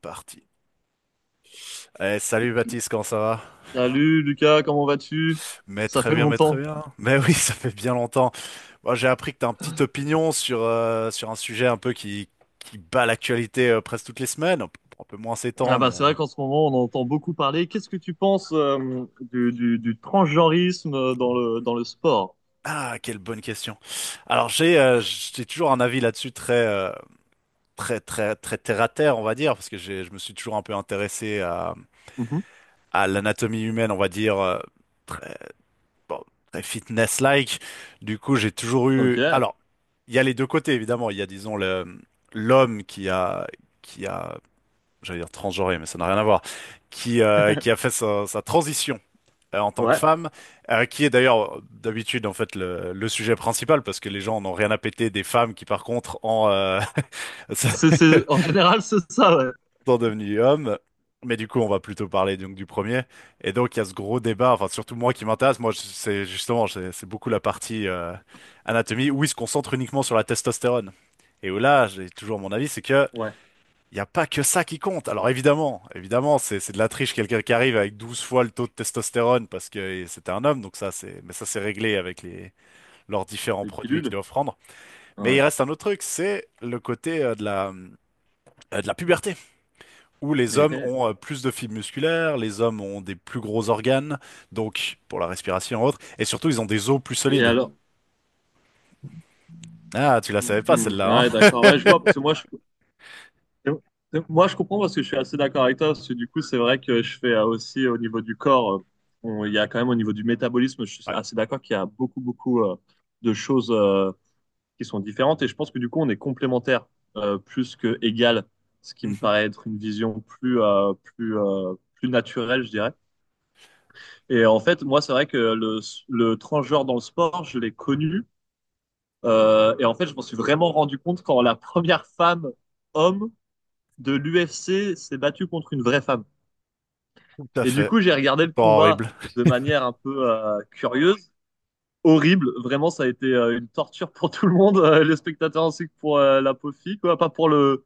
Parti. Eh, salut Baptiste, comment ça va? Salut Lucas, comment vas-tu? Mais Ça très fait bien, mais très longtemps. bien. Mais oui, ça fait bien longtemps. Moi, j'ai appris que tu as une petite opinion sur, sur un sujet un peu qui bat l'actualité presque toutes les semaines. Bon, un peu moins ces Ah temps, bah mais... c'est vrai qu'en ce moment on entend beaucoup parler. Qu'est-ce que tu penses du transgenrisme dans le sport? Ah, quelle bonne question. Alors, j'ai toujours un avis là-dessus très, très, très terre à terre, on va dire, parce que je me suis toujours un peu intéressé Mhm. à l'anatomie humaine, on va dire, très. Bon, très fitness-like. Du coup, j'ai toujours eu. Ok. Alors, il y a les deux côtés, évidemment. Il y a, disons, l'homme qui a, j'allais dire transgenré, mais ça n'a rien à voir, qui a fait sa transition. En tant que Ouais. femme, qui est d'ailleurs d'habitude en fait le sujet principal parce que les gens n'ont rien à péter des femmes qui par contre en, ça- C'est en général c'est ça, ouais. sont devenus hommes. Mais du coup, on va plutôt parler donc du premier. Et donc, il y a ce gros débat, enfin surtout moi qui m'intéresse, c'est justement, c'est beaucoup la partie anatomie où il se concentre uniquement sur la testostérone. Et où là, j'ai toujours mon avis, c'est que Ouais. il n'y a pas que ça qui compte. Alors évidemment, évidemment, c'est de la triche, quelqu'un qui arrive avec 12 fois le taux de testostérone parce que c'était un homme, donc ça c'est, mais ça c'est réglé avec les leurs différents Les produits qu'ils pilules. doivent prendre. Mais il Ouais. reste un autre truc, c'est le côté de la puberté où les hommes Et, ont plus de fibres musculaires, les hommes ont des plus gros organes, donc pour la respiration et autres, et surtout ils ont des os plus et solides. alors? Ah, tu la savais pas Mhm. celle-là, Ouais, d'accord. Ouais je vois parce que moi je, Et- Moi, je comprends parce que je suis assez d'accord avec toi, parce que du coup, c'est vrai que je fais aussi au niveau du corps, il y a quand même au niveau du métabolisme, je suis hein? assez d'accord qu'il y a beaucoup, beaucoup de choses qui sont différentes, et je pense que du coup, on est complémentaires plus que égal, ce qui Ouais. me paraît être une vision plus naturelle, je dirais. Et en fait, moi, c'est vrai que le transgenre dans le sport, je l'ai connu, et en fait, je m'en suis vraiment rendu compte quand la première femme homme de l'UFC s'est battu contre une vraie femme. Tout à Et du fait. coup, j'ai regardé le Pas combat horrible. de manière un peu curieuse, horrible. Vraiment, ça a été une torture pour tout le monde, les spectateurs ainsi que pour la pauvre fille, quoi. Pas pour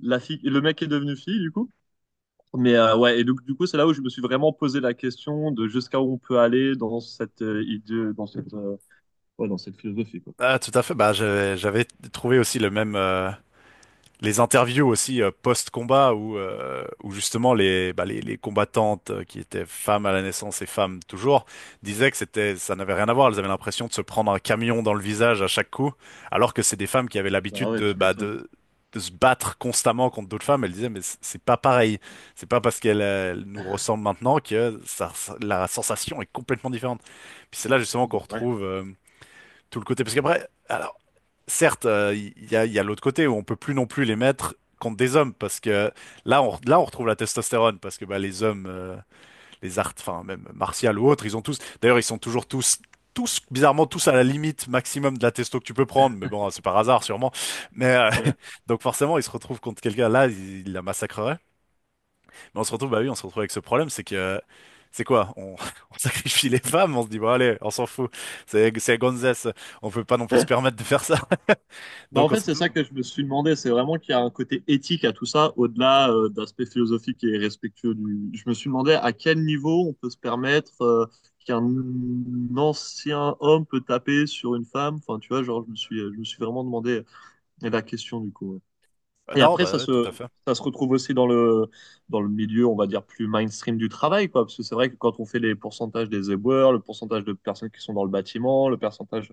la fille, le mec qui est devenu fille, du coup. Mais ouais, et donc du coup, c'est là où je me suis vraiment posé la question de jusqu'à où on peut aller dans cette idée, dans ouais, dans cette philosophie, quoi. Ah, tout à fait. Bah, j'avais trouvé aussi le même. Les interviews aussi post-combat où, où justement les combattantes qui étaient femmes à la naissance et femmes toujours, disaient que ça n'avait rien à voir. Elles avaient l'impression de se prendre un camion dans le visage à chaque coup, alors que c'est des femmes qui avaient Bah l'habitude ouais, tu m'étonnes. De se battre constamment contre d'autres femmes. Elles disaient, mais c'est pas pareil. C'est pas parce qu'elles elles nous ressemblent maintenant que la sensation est complètement différente. Puis c'est là justement qu'on Ouais. retrouve tout le côté. Parce qu'après, alors, certes, il y a l'autre côté où on peut plus non plus les mettre contre des hommes parce que là, on retrouve la testostérone parce que bah, les arts, enfin même martial ou autres, ils ont tous. D'ailleurs, ils sont toujours tous. Tous, bizarrement, tous à la limite maximum de la testo que tu peux prendre, mais bon, c'est par hasard sûrement. Mais donc forcément, ils se retrouvent contre quelqu'un là, ils il la massacrerait. Mais on se retrouve, bah oui, on se retrouve avec ce problème, c'est que c'est quoi? On sacrifie les femmes, on se dit bon allez, on s'en fout, c'est la gonzesse, on peut pas non plus se permettre de faire ça. Bah en Donc on fait, se c'est ça que je me suis demandé. C'est vraiment qu'il y a un côté éthique à tout ça, au-delà d'aspect philosophique et respectueux du. Je me suis demandé à quel niveau on peut se permettre qu'un ancien homme peut taper sur une femme. Enfin, tu vois, genre, je me suis vraiment demandé la question du coup, ouais. euh, Et non, après, bah ouais, tout à fait. ça se retrouve aussi dans dans le milieu, on va dire, plus mainstream du travail, quoi. Parce que c'est vrai que quand on fait les pourcentages des éboueurs, le pourcentage de personnes qui sont dans le bâtiment, le pourcentage,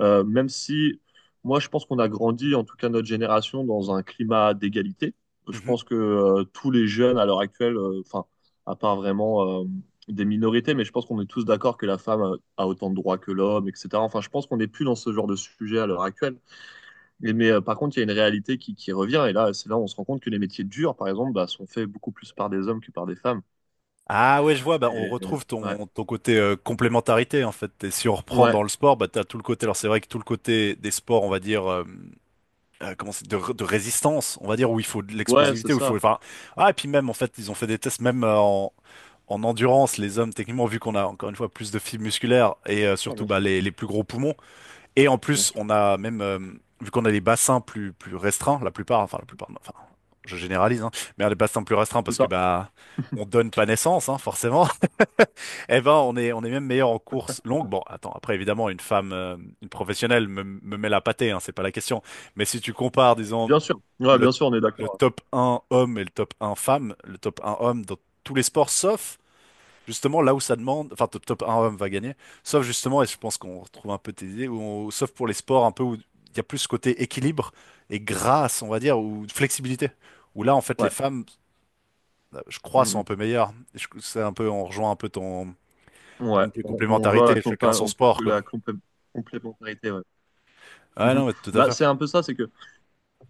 même si moi, je pense qu'on a grandi, en tout cas notre génération, dans un climat d'égalité. Je Mhm. pense que tous les jeunes à l'heure actuelle, enfin, à part vraiment des minorités, mais je pense qu'on est tous d'accord que la femme a autant de droits que l'homme, etc. Enfin, je pense qu'on n'est plus dans ce genre de sujet à l'heure actuelle. Et mais par contre, il y a une réalité qui revient, et là, c'est là où on se rend compte que les métiers durs, par exemple, bah, sont faits beaucoup plus par des hommes que par des femmes. Ah ouais, je vois, bah, on Et, retrouve ouais, ton côté complémentarité en fait. Et si on reprend ouais, dans le sport, bah t'as tout le côté. Alors c'est vrai que tout le côté des sports, on va dire, comment c'est, de résistance, on va dire, où il faut de ouais, c'est l'explosivité, où il faut. ça. Enfin, ah et puis même en fait, ils ont fait des tests même en endurance, les hommes techniquement vu qu'on a encore une fois plus de fibres musculaires et Bien sûr, surtout bien bah sûr, les plus gros poumons. Et en bien plus, sûr. on a même, vu qu'on a des bassins plus restreints, la plupart, enfin la plupart, non, enfin je généralise, hein, mais on a des bassins plus restreints C'est parce que ça. bah on donne pas naissance, hein, forcément. Eh ben on est même meilleur en course longue. Bon, attends, après évidemment une femme, une professionnelle me met la pâtée, hein, c'est pas la question. Mais si tu compares, disons Bien sûr. Ouais, le, bien sûr, on est le d'accord. top 1 homme et le top 1 femme, le top 1 homme dans tous les sports sauf, justement, là où ça demande, enfin top, top un homme va gagner, sauf justement, et je pense qu'on retrouve un peu tes idées, où sauf pour les sports un peu où il y a plus ce côté équilibre et grâce, on va dire, ou flexibilité, où là, en fait, Hein. les Ouais. femmes, je crois, sont Mhm. un peu meilleures. C'est un peu, on rejoint un peu ton Ouais. idée de On joue à la, complémentarité, chacun compa- son on- sport, quoi. la complé- complémentarité, ouais. Ah Mhm. non, mais tout à Bah, fait. c'est un peu ça, c'est que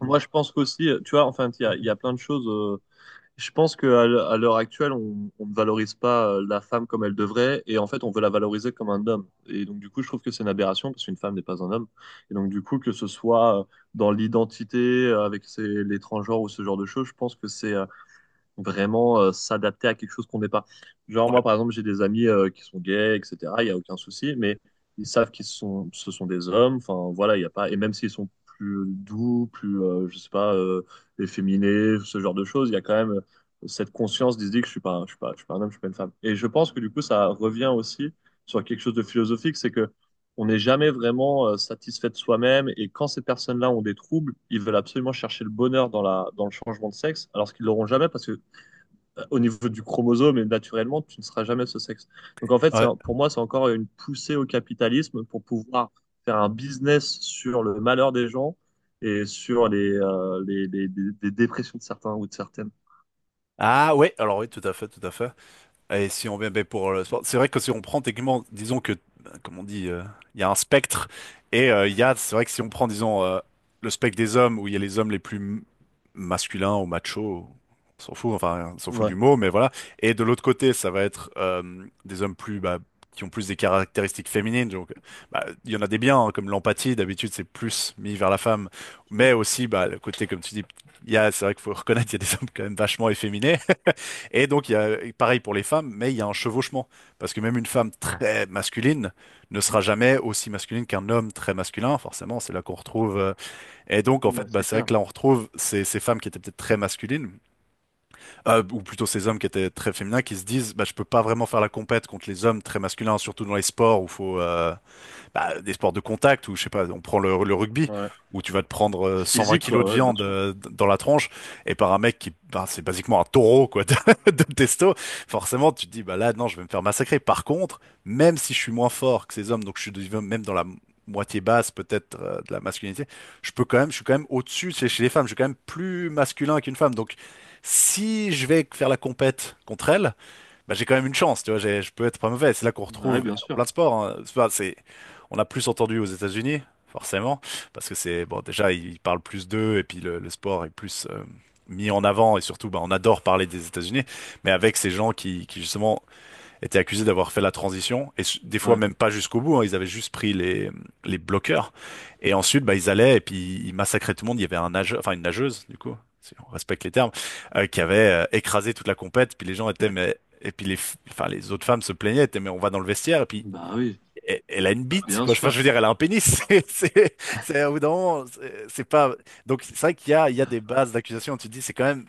moi, je pense qu'aussi, tu vois, enfin, il y a plein de choses, je pense qu'à l'heure actuelle, on ne valorise pas la femme comme elle devrait, et en fait, on veut la valoriser comme un homme. Et donc, du coup, je trouve que c'est une aberration, parce qu'une femme n'est pas un homme. Et donc, du coup, que ce soit dans l'identité, avec ses, les transgenres ou ce genre de choses, je pense que c'est vraiment s'adapter à quelque chose qu'on n'est pas. Genre, moi, Ouais. par exemple, j'ai des amis qui sont gays, etc. Il n'y a aucun souci, mais ils savent ce sont des hommes. Enfin, voilà, il n'y a pas. Et même s'ils sont plus doux, je sais pas, efféminés, ce genre de choses, il y a quand même cette conscience d'idée que je suis pas un homme, je suis pas une femme. Et je pense que du coup, ça revient aussi sur quelque chose de philosophique, c'est que on n'est jamais vraiment satisfait de soi-même et quand ces personnes-là ont des troubles, ils veulent absolument chercher le bonheur dans dans le changement de sexe, alors qu'ils l'auront jamais parce que au niveau du chromosome et naturellement, tu ne seras jamais ce sexe. Donc en fait, c'est- Ouais. pour moi, c'est encore une poussée au capitalisme pour pouvoir faire un business sur le malheur des gens et sur les dépressions de certains ou de certaines. Ah, ouais, alors oui, tout à fait, tout à fait. Et si on vient ben, pour le sport, c'est vrai que si on prend techniquement, disons que, ben, comme on dit, il y a un spectre et c'est vrai que si on prend, disons, le spectre des hommes où il y a les hommes les plus masculins ou machos, on s'en fout, enfin, on s'en fout Ouais. du mot, mais voilà. Et de l'autre côté, ça va être des hommes plus, bah, qui ont plus des caractéristiques féminines. Donc, bah, il y en a des biens, hein, comme l'empathie. D'habitude, c'est plus mis vers la femme, mais aussi, bah, le côté, comme tu dis, il y a, c'est vrai qu'il faut reconnaître, il y a des hommes quand même vachement efféminés. Et donc, il y a, pareil pour les femmes, mais il y a un chevauchement. Parce que même une femme très masculine ne sera jamais aussi masculine qu'un homme très masculin. Forcément, c'est là qu'on retrouve. Euh, et donc, en Mm, bah, fait, bah, c'est c'est vrai clair. que là, on retrouve ces femmes qui étaient peut-être très masculines, ou plutôt ces hommes qui étaient très féminins, qui se disent, bah, je peux pas vraiment faire la compète contre les hommes très masculins, surtout dans les sports où faut, bah, des sports de contact où, je sais pas, on prend le rugby, Ouais. où tu vas te prendre 120 Physique, kilos quoi, de ouais, bien viande sûr. Dans la tronche, et par un mec qui, bah, c'est basiquement un taureau, quoi, de testo, forcément, tu te dis, bah là, non, je vais me faire massacrer. Par contre, même si je suis moins fort que ces hommes, donc je suis même dans la moitié basse, peut-être, de la masculinité, je suis quand même au-dessus chez les femmes, je suis quand même plus masculin qu'une femme, donc si je vais faire la compète contre elle, bah, j'ai quand même une chance, tu vois, je peux être pas mauvais. C'est là qu'on Bah, ouais, retrouve bien dans sûr. plein de sports. Hein. Enfin, c'est, on a plus entendu aux États-Unis, forcément, parce que c'est, bon, déjà, ils parlent plus d'eux, et puis le sport est plus mis en avant, et surtout, bah, on adore parler des États-Unis, mais avec ces gens qui justement, étaient accusés d'avoir fait la transition et des fois Ouais. même pas jusqu'au bout. Hein, ils avaient juste pris les bloqueurs et ensuite bah ils allaient et puis ils massacraient tout le monde. Il y avait un nageur, enfin une nageuse du coup, si on respecte les termes, qui avait écrasé toute la compète. Puis les gens étaient mais, et puis enfin les autres femmes se plaignaient, étaient mais on va dans le vestiaire et puis Bah oui. Elle a une Bah, bite bien quoi. Enfin je sûr. veux dire elle a un pénis. C'est au bout d'un moment, c'est pas, donc c'est vrai qu'il y a, il y a des bases d'accusation. Tu te dis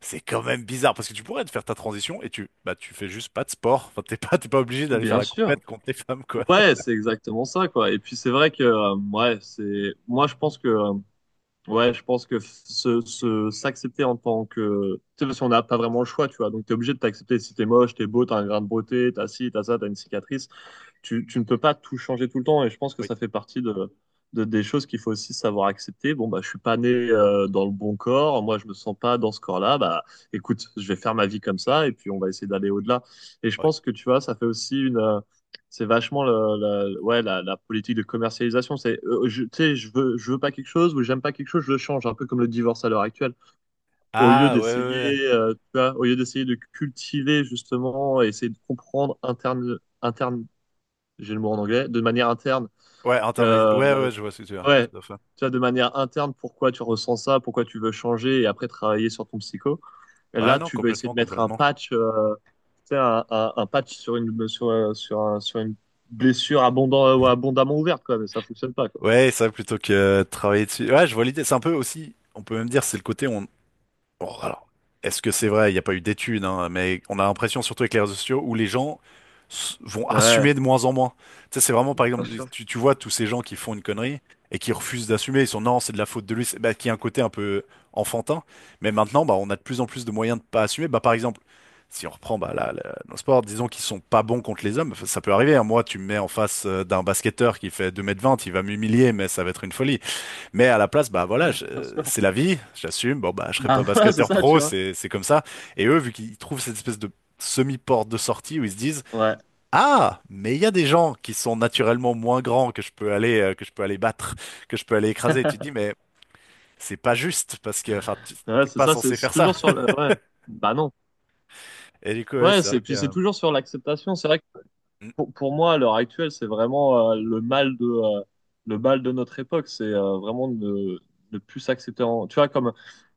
c'est quand même bizarre parce que tu pourrais te faire ta transition et tu bah tu fais juste pas de sport. Enfin, t'es pas obligé d'aller faire Bien la sûr. compète contre les femmes quoi. Ouais, c'est exactement ça, quoi. Et puis c'est vrai que, ouais, c'est. Moi, je pense que ouais, je pense que s'accepter en tant que, tu sais, parce qu'on n'a pas vraiment le choix, tu vois. Donc, t'es obligé de t'accepter si t'es moche, t'es beau, t'as un grain de beauté, t'as ci, t'as ça, t'as une cicatrice, tu ne peux pas tout changer tout le temps et je pense que Oui, ça fait partie des choses qu'il faut aussi savoir accepter. Bon, bah, je suis pas né dans le bon corps, moi je me sens pas dans ce corps-là, bah écoute, je vais faire ma vie comme ça et puis on va essayer d'aller au-delà. Et je oui. pense que tu vois, ça fait aussi une... c'est vachement la politique de commercialisation. C'est, tu sais, je veux pas quelque chose ou j'aime pas quelque chose, je le change, un peu comme le divorce à l'heure actuelle. Au lieu Ah ouais ouais ouais. d'essayer, tu vois, au lieu d'essayer de cultiver justement, essayer de comprendre interne, j'ai le mot en anglais, de manière interne. Ouais, internalis, Euh, ouais ouais je vois ce que tu veux dire. ouais, tu Tout à fait. vois, de manière interne, pourquoi tu ressens ça, pourquoi tu veux changer et après travailler sur ton psycho. Et Ouais là, non tu veux essayer complètement de mettre un complètement. patch, tu sais, un patch sur une, sur, sur une blessure abondant, ou abondamment ouverte, quoi, mais ça fonctionne pas, quoi. Ouais ça plutôt que travailler dessus. Ouais je vois l'idée. C'est un peu aussi on peut même dire c'est le côté. Bon, alors, est-ce que c'est vrai? Il n'y a pas eu d'études, hein, mais on a l'impression, surtout avec les réseaux sociaux, où les gens vont Ouais, assumer de moins en moins. Tu sais, c'est vraiment, par bien exemple, sûr, tu vois tous ces gens qui font une connerie et qui refusent d'assumer. Ils sont, non, c'est de la faute de lui, bah, qui a un côté un peu enfantin. Mais maintenant, bah, on a de plus en plus de moyens de pas assumer. Bah, par exemple, si on reprend bah, nos sports, disons qu'ils sont pas bons contre les hommes, ça peut arriver, hein. Moi, tu me mets en face d'un basketteur qui fait 2,20 m, il va m'humilier, mais ça va être une folie. Mais à la place, bah voilà, bien sûr. c'est la vie, j'assume. Bon bah je serai Bah pas voilà, c'est basketteur ça, tu pro, vois. c'est comme ça. Et eux, vu qu'ils trouvent cette espèce de semi-porte de sortie où ils se disent, Ouais, ah, mais il y a des gens qui sont naturellement moins grands que je peux aller que je peux aller battre, que je peux aller écraser. Et tu te dis, mais c'est pas juste parce que ouais, t'es c'est pas ça, c'est censé c'est faire ça. toujours sur le. Ouais, bah non. Et du coup, ouais, Ouais, c'est vrai c'est que puis c'est toujours sur l'acceptation. C'est vrai. mm. Pour moi, à l'heure actuelle, c'est vraiment le mal de notre époque. C'est vraiment ne plus s'accepter. Tu vois, comme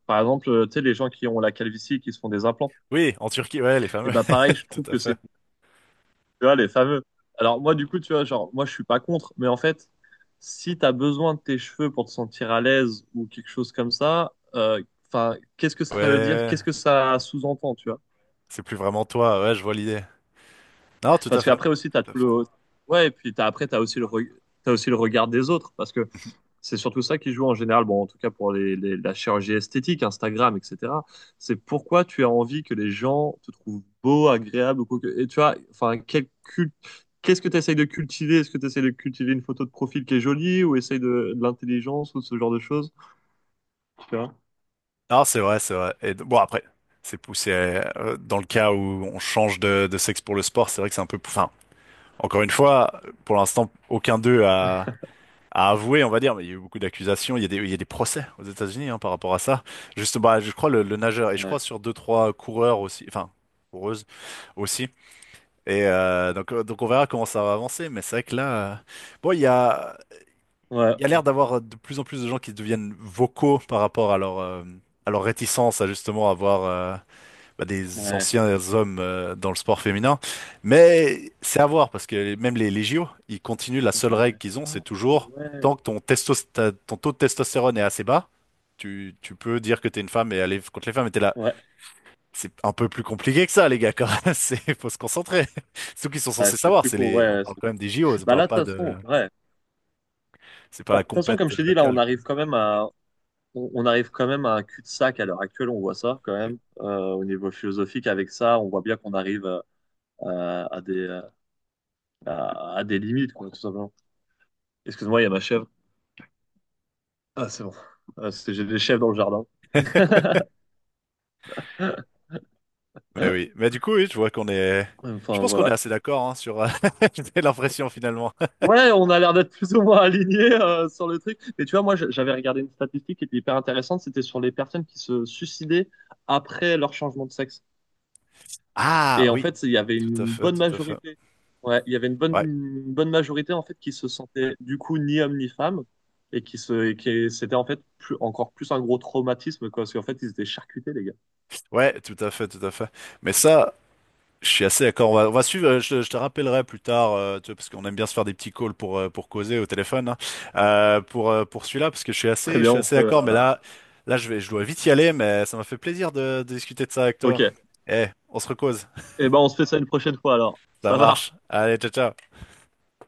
par exemple, tu sais, les gens qui ont la calvitie et qui se font des implants. Oui, en Turquie, ouais, les Et fameux, ben pareil, je tout trouve à que c'est, fait. tu vois, les fameux. Alors moi, du coup, tu vois, genre, moi, je suis pas contre, mais en fait, si t'as besoin de tes cheveux pour te sentir à l'aise ou quelque chose comme ça, enfin, qu'est-ce que Ouais, ça ouais, veut dire? ouais, Qu'est-ce que ça sous-entend, tu vois? c'est plus vraiment toi. Ouais, je vois l'idée. Non, tout à Parce fait, qu'après aussi, tout t'as à tout fait. le. Ouais, et puis t'as, après, t'as aussi t'as aussi le regard des autres. Parce que c'est surtout ça qui joue en général, bon, en tout cas pour la chirurgie esthétique, Instagram, etc. C'est pourquoi tu as envie que les gens te trouvent beau, agréable ou quoi que. Et tu vois, enfin, qu'est-ce que tu essayes de cultiver? Est-ce que tu essayes de cultiver une photo de profil qui est jolie ou essayes de l'intelligence ou ce genre de choses? Tu vois? Non, c'est vrai, c'est vrai. Et bon, après, c'est poussé, dans le cas où on change de sexe pour le sport, c'est vrai que c'est un peu. Enfin, encore une fois, pour l'instant, aucun d'eux a, a avoué, on va dire. Mais il y a eu beaucoup d'accusations. Il y a des, il y a des procès aux États-Unis, hein, par rapport à ça. Juste, bah, je crois le nageur et je Ouais, crois sur 2, 3 coureurs aussi. Enfin, coureuses aussi. Et donc, on verra comment ça va avancer. Mais c'est vrai que là, bon, il y a. ouais, Il y a l'air d'avoir de plus en plus de gens qui deviennent vocaux par rapport à à leur réticence à justement avoir bah, des ouais, anciens hommes dans le sport féminin. Mais c'est à voir parce que même les JO, ils continuent. La seule ouais. règle qu'ils ont, Ah, c'est toujours ouais, tant que ton taux de testostérone est assez bas, tu peux dire que t'es une femme et aller contre les femmes. Et t'es là. ouais, C'est un peu plus compliqué que ça, les gars, quand même. C'est, faut se concentrer. C'est tout qu'ils sont ouais, censés c'est savoir. plus C'est cool, les, on ouais. parle quand même des JO, on Bah parle là, de pas toute façon, de, ouais. c'est pas Bah, la de toute façon, compète comme je t'ai dit, là, on locale, quoi. arrive quand même à, on arrive quand même à un cul-de-sac à l'heure actuelle, on voit ça quand Oui. même au niveau philosophique. Avec ça, on voit bien qu'on arrive à, à des, euh, à des limites, quoi, tout simplement. Excuse-moi, il y a ma chèvre. Ah, c'est bon. Ah, c'est- J'ai des chèvres dans le jardin. Mais oui. Mais du coup, oui, je vois qu'on est. Je Enfin, pense qu'on est voilà. assez d'accord, hein, sur. J'ai l'impression finalement. Ouais, on a l'air d'être plus ou moins alignés sur le truc. Mais tu vois, moi, j'avais regardé une statistique qui était hyper intéressante. C'était sur les personnes qui se suicidaient après leur changement de sexe. Ah Et en oui, fait, il y avait tout à une fait, bonne tout à fait. majorité. Ouais, il y avait Ouais, une bonne majorité en fait qui se sentait du coup ni homme ni femme et qui c'était en fait plus, encore plus un gros traumatisme quoi, parce qu'en fait ils étaient charcutés les gars. ouais, tout à fait, tout à fait. Mais ça, je suis assez d'accord. On va suivre. Je te rappellerai plus tard, tu vois, parce qu'on aime bien se faire des petits calls pour causer au téléphone, hein. Pour celui-là, parce que Très je bien, suis on fait, assez d'accord. Là, je vais, je dois vite y aller. Mais ça m'a fait plaisir de discuter de ça avec ok. toi. Eh, on se recose. Eh ben on se fait ça une prochaine fois alors. Ça Ça marche. marche. Allez, ciao, ciao.